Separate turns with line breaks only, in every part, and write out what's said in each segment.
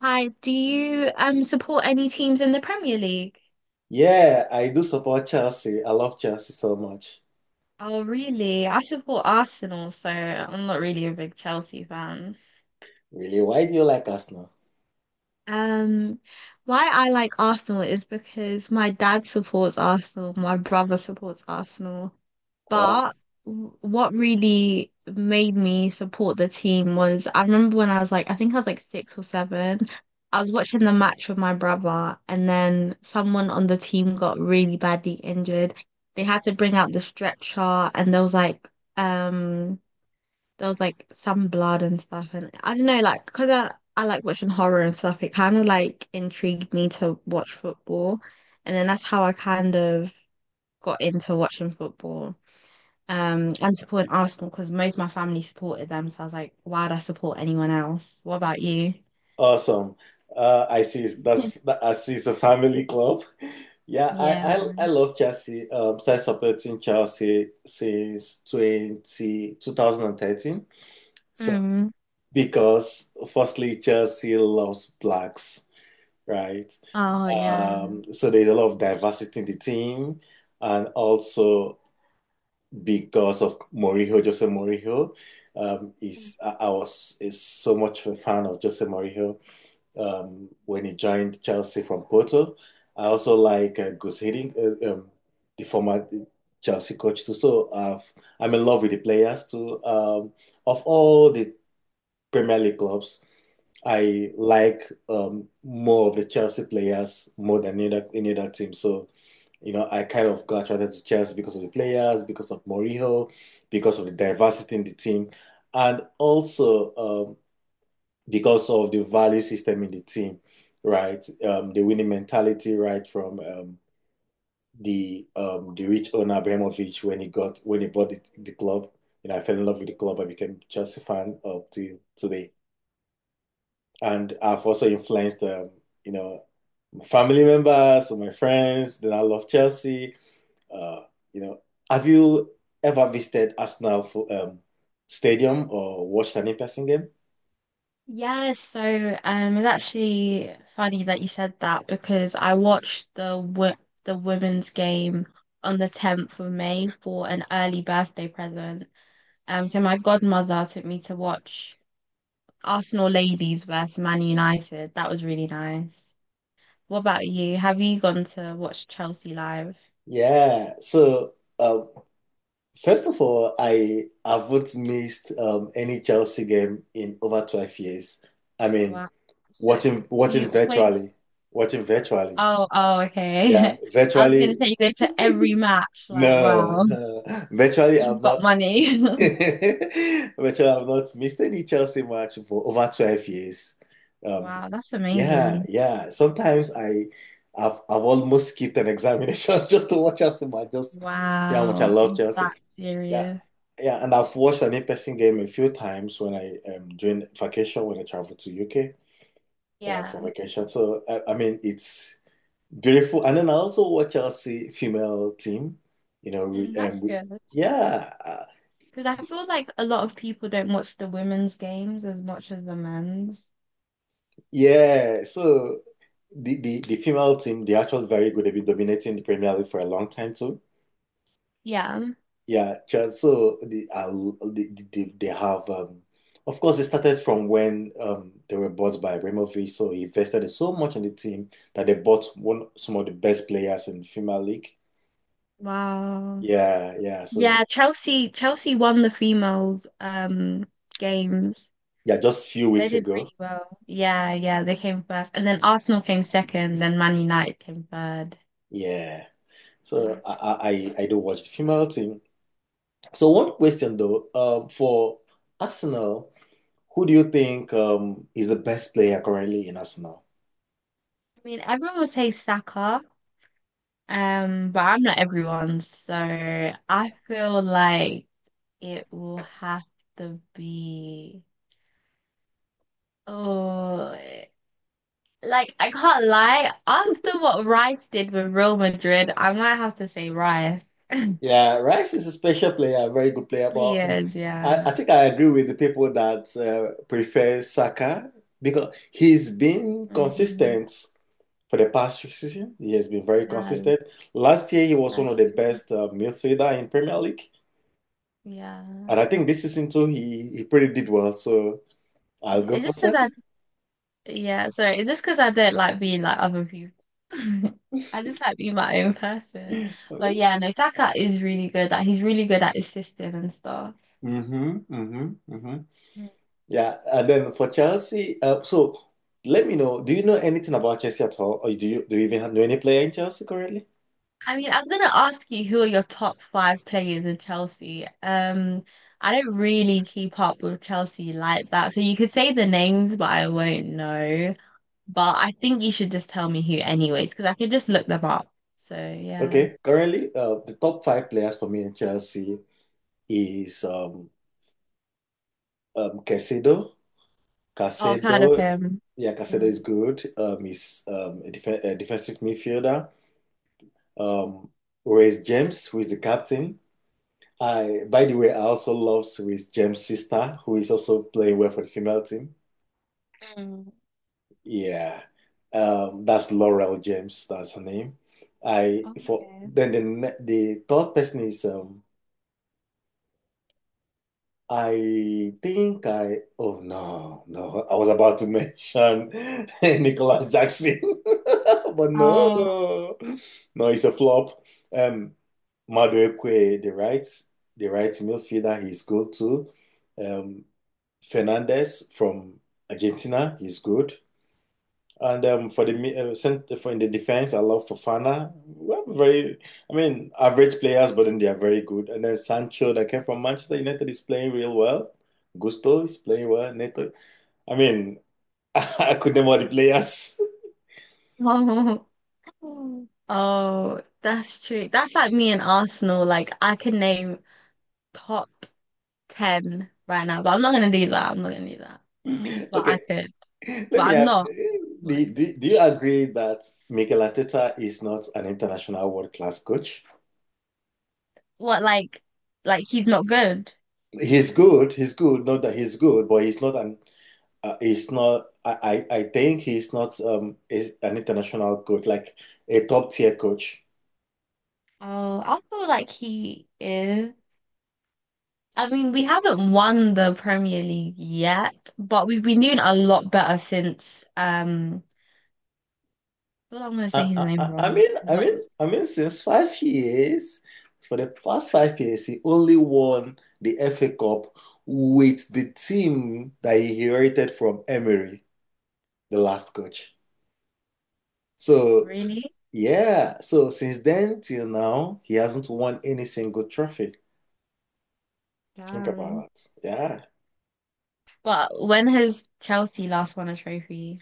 Hi, do you support any teams in the Premier League?
Yeah, I do support Chelsea. I love Chelsea so much.
Oh, really? I support Arsenal, so I'm not really a big Chelsea fan.
Really, why do you like Arsenal?
Um, why I like Arsenal is because my dad supports Arsenal, my brother supports Arsenal.
Uh,
But what really made me support the team was I remember when I was like, I think I was like six or seven, I was watching the match with my brother, and then someone on the team got really badly injured. They had to bring out the stretcher, and um, there was like some blood and stuff, and I don't know, like because I like watching horror and stuff, it kind of like intrigued me to watch football, and then that's how I kind of got into watching football, and supporting Arsenal because most of my family supported them. So I was like, why'd I support anyone else? What about you?
Awesome. I see. I see. It's a family club. Yeah,
Yeah.
I love Chelsea. Started supporting Chelsea since 20 2013. So
Mm.
because firstly, Chelsea loves blacks, right?
Oh, yeah.
So there's a lot of diversity in the team, and also because of Mourinho, Jose Mourinho. Is I was is so much of a fan of Jose Mourinho when he joined Chelsea from Porto. I also like Gus Hiddink, the former Chelsea coach too. So I'm in love with the players too. Of all the Premier League clubs, I like more of the Chelsea players more than any other team. So I kind of got attracted to Chelsea because of the players, because of Mourinho, because of the diversity in the team, and also because of the value system in the team, right? The winning mentality, right, from the rich owner Abramovich when he got when he bought the club. You know, I fell in love with the club. I became a Chelsea fan up to today, and I've also influenced you know my family members or my friends. Then I love Chelsea. Uh, you know, have you ever visited Arsenal for, stadium or watched an in-person game?
Yes, so it's actually funny that you said that, because I watched the wo the women's game on the 10th of May for an early birthday present. So my godmother took me to watch Arsenal Ladies versus Man United. That was really nice. What about you? Have you gone to watch Chelsea live?
Yeah. Um, First of all, I haven't missed any Chelsea game in over 12 years. I mean,
Wow. So
watching
do you
watching
always?
virtually, watching virtually.
Oh, oh,
Yeah,
okay. I was gonna
virtually.
say you go to every match. Like,
No,
wow,
no. Virtually, I've
you've got
not.
money.
Virtually, I've not missed any Chelsea match for over 12 years. Um,
Wow, that's
yeah,
amazing.
yeah. Sometimes I've almost skipped an examination just to watch Chelsea match. Just see how much I
Wow,
love
it's
Chelsea.
that
Yeah,
serious.
yeah. And I've watched an in-person game a few times when I during vacation when I travel to UK
Yeah,
for vacation. So I mean, it's beautiful. And then I also watch Chelsea female team, you know, we, um,
that's
we,
good.
yeah, uh,
Because I feel like a lot of people don't watch the women's games as much as the men's.
yeah. So the female team, they're actually very good. They've been dominating the Premier League for a long time too.
Yeah.
Yeah, Chelsea, so they have, of course, they started from when they were bought by Abramovich. So he invested so much in the team that they bought one some of the best players in the female league.
Wow.
Yeah, yeah. So
Yeah, Chelsea won the females games.
yeah, just a few
They
weeks
did
ago.
really well. Yeah, yeah, they came first. And then Arsenal came second, then Man United came third.
Yeah. So
Mm.
I don't watch the female team. So one question though, for Arsenal, who do you think is the best player currently in Arsenal?
I mean, everyone would say Saka. But I'm not everyone, so I feel like it will have to be. Oh, like I can't lie. After what Rice did with Real Madrid, I might have to say Rice.
Yeah, Rice is a special player, a very good player,
He
but um,
is,
I, I
yeah.
think I agree with the people that prefer Saka because he's been
Hmm.
consistent for the past season. He has been very
Yeah,
consistent. Last year, he was one of
that's
the
true.
best midfielder in Premier League, and I
Yeah.
think this season too, he pretty did well. So I'll
Yeah.
go
It's
for
just because
Saka.
I— Yeah, sorry, just because I don't like being like other people. I just like being my own person. But
Mm-hmm,
yeah, no, Saka is really good. Like, he's really good at his system and stuff.
mm-hmm, mm-hmm.
Mm.
Yeah, and then for Chelsea, so let me know. Do you know anything about Chelsea at all, or do you even know any player in Chelsea currently?
I mean, I was gonna ask you, who are your top five players in Chelsea? I don't really keep up with Chelsea like that, so you could say the names, but I won't know. But I think you should just tell me who anyways, because I could just look them up. So, yeah.
Okay, currently, the top five players for me in Chelsea is Caicedo.
Oh, I've heard of
Caicedo,
him.
yeah, Caicedo is
Mm.
good. He's a defensive midfielder. Um, Reece James, who is the captain. By the way, I also love Reece James' sister, who is also playing well for the female team.
Mm.
Yeah, that's Laurel James. That's her name. I for
Okay.
Then the third person is I think I oh, no, no, I was about to mention Nicholas Jackson, but
Oh.
no, no, it's a flop. Um, Madueke, the right midfielder, he's good too. Um, Fernandez from Argentina, he's good. And for in the defense, I love Fofana. We have very, I mean, average players, but then they are very good. And then Sancho that came from Manchester United is playing real well. Gusto is playing well. Neto, I mean, I could name all the players.
Oh, oh, that's true. That's like me and Arsenal. Like, I can name top ten right now, but I'm not gonna do that. I'm not gonna do that. But I
Okay,
could. But
let me
I'm
ask,
not. But I
do,
could.
do, do you agree that Mikel Arteta is not an international world-class coach?
What, like he's not good?
He's good, not that he's good, but he's not. I think he's not is an international coach like a top tier coach.
Oh, I feel like he is. I mean, we haven't won the Premier League yet, but we've been doing a lot better since, well, I'm gonna say
I
his name
I I
wrong.
mean I
What?
mean I mean since 5 years, for the past 5 years, he only won the FA Cup with the team that he inherited from Emery, the last coach. So
Really?
yeah, so since then till now, he hasn't won any single trophy. Think
Damn.
about that. Yeah.
But when has Chelsea last won a trophy?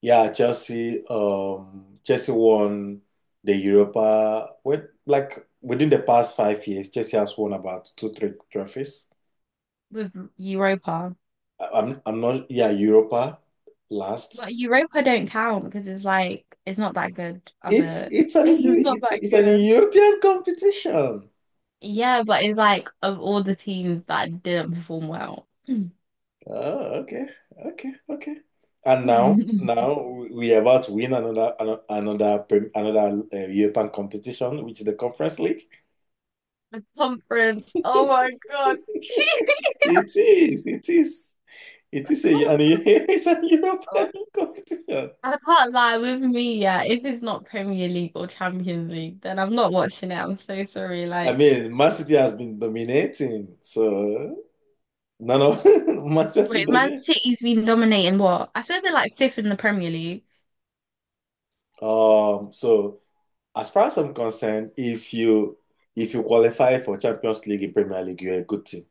Yeah, Chelsea. Chelsea won the Europa. Like within the past 5 years, Chelsea has won about two, three trophies.
With Europa?
I'm not. Yeah, Europa last.
But Europa don't count because it's like it's not that good of
It's
a
it's an EU,
it's not
it's
that
it's an
good.
European competition.
Yeah, but it's like of all the teams that didn't perform well.
Oh, okay, okay, okay. And now now we are about to win another another another, prem- another European competition, which is the Conference League.
The conference. Oh my God.
It is, it is. It
The
is a, and
conference.
It's a European
Oh,
competition.
I can't lie, with me, yeah, if it's not Premier League or Champions League, then I'm not watching it. I'm so sorry.
I
Like—
mean, Man City has been dominating, so no, no, Man City has been
Wait, Man
dominating.
City's been dominating what? I said they're like fifth in the Premier League.
So as far as I'm concerned, if you qualify for Champions League in Premier League, you're a good team.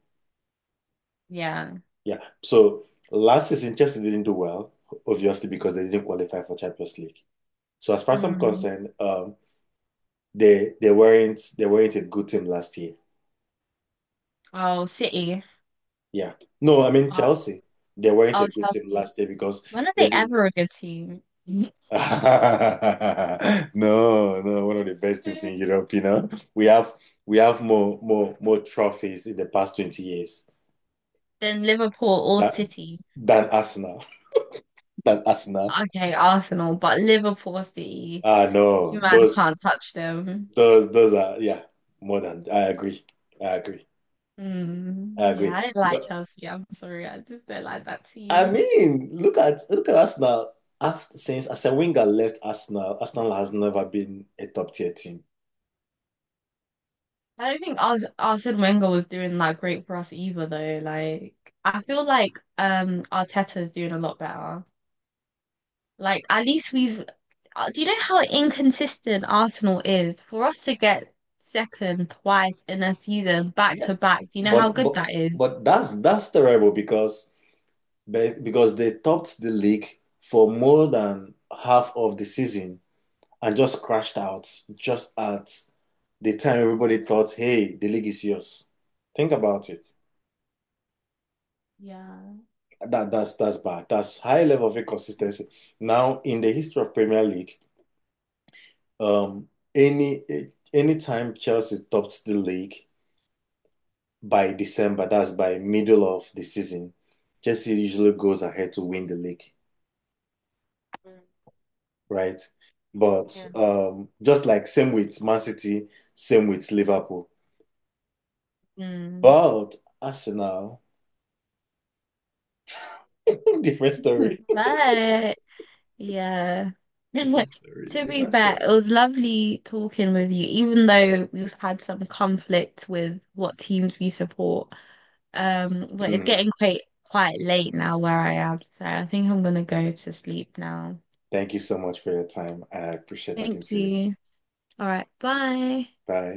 Yeah.
Yeah. So last season, Chelsea didn't do well, obviously because they didn't qualify for Champions League. So as far as I'm
Mm.
concerned, they weren't a good team last year.
Oh, City.
Yeah. No, I mean
Oh,
Chelsea. They weren't a
oh,
good team
Chelsea.
last year because
When are
they
they
didn't.
ever a good team?
No, no, one of the best teams in Europe. We have we have more trophies in the past 20 years
Then Liverpool or
that,
City.
than Arsenal. Than Arsenal.
Okay, Arsenal, but Liverpool or City,
Ah
you
no,
man can't touch them.
those are yeah, more than I agree. I agree.
Mm.
I
Yeah,
agree.
I didn't like
Because
Chelsea. I'm sorry, I just don't like that
I
team.
mean, look at Arsenal. After since Arsene Wenger left Arsenal, Arsenal has never been a top tier team.
I don't think Arsene Wenger was doing that great for us either, though. Like, I feel like Arteta is doing a lot better. Like, at least we've— Do you know how inconsistent Arsenal is? For us to get second twice in a season, back
Yeah,
to back. Do you know how
But
good
but
that is?
but that's terrible because they topped the league for more than half of the season and just crashed out just at the time everybody thought, hey, the league is yours. Think about it.
Yeah.
That's bad. That's high level of inconsistency. Now, in the history of Premier League, um, any any time Chelsea tops the league by December, that's by middle of the season, Chelsea usually goes ahead to win the league.
Mm,
Right? But
yeah.
just like same with Man City, same with Liverpool.
Mm.
But Arsenal, different story.
But yeah.
Different story.
To be
Different
fair, it
story.
was lovely talking with you, even though we've had some conflict with what teams we support. But it's
Mm.
getting quite late now where I am, so I think I'm gonna go to sleep now.
Thank you so much for your time. I appreciate talking
Thank
to you.
you. All right, bye.
Bye.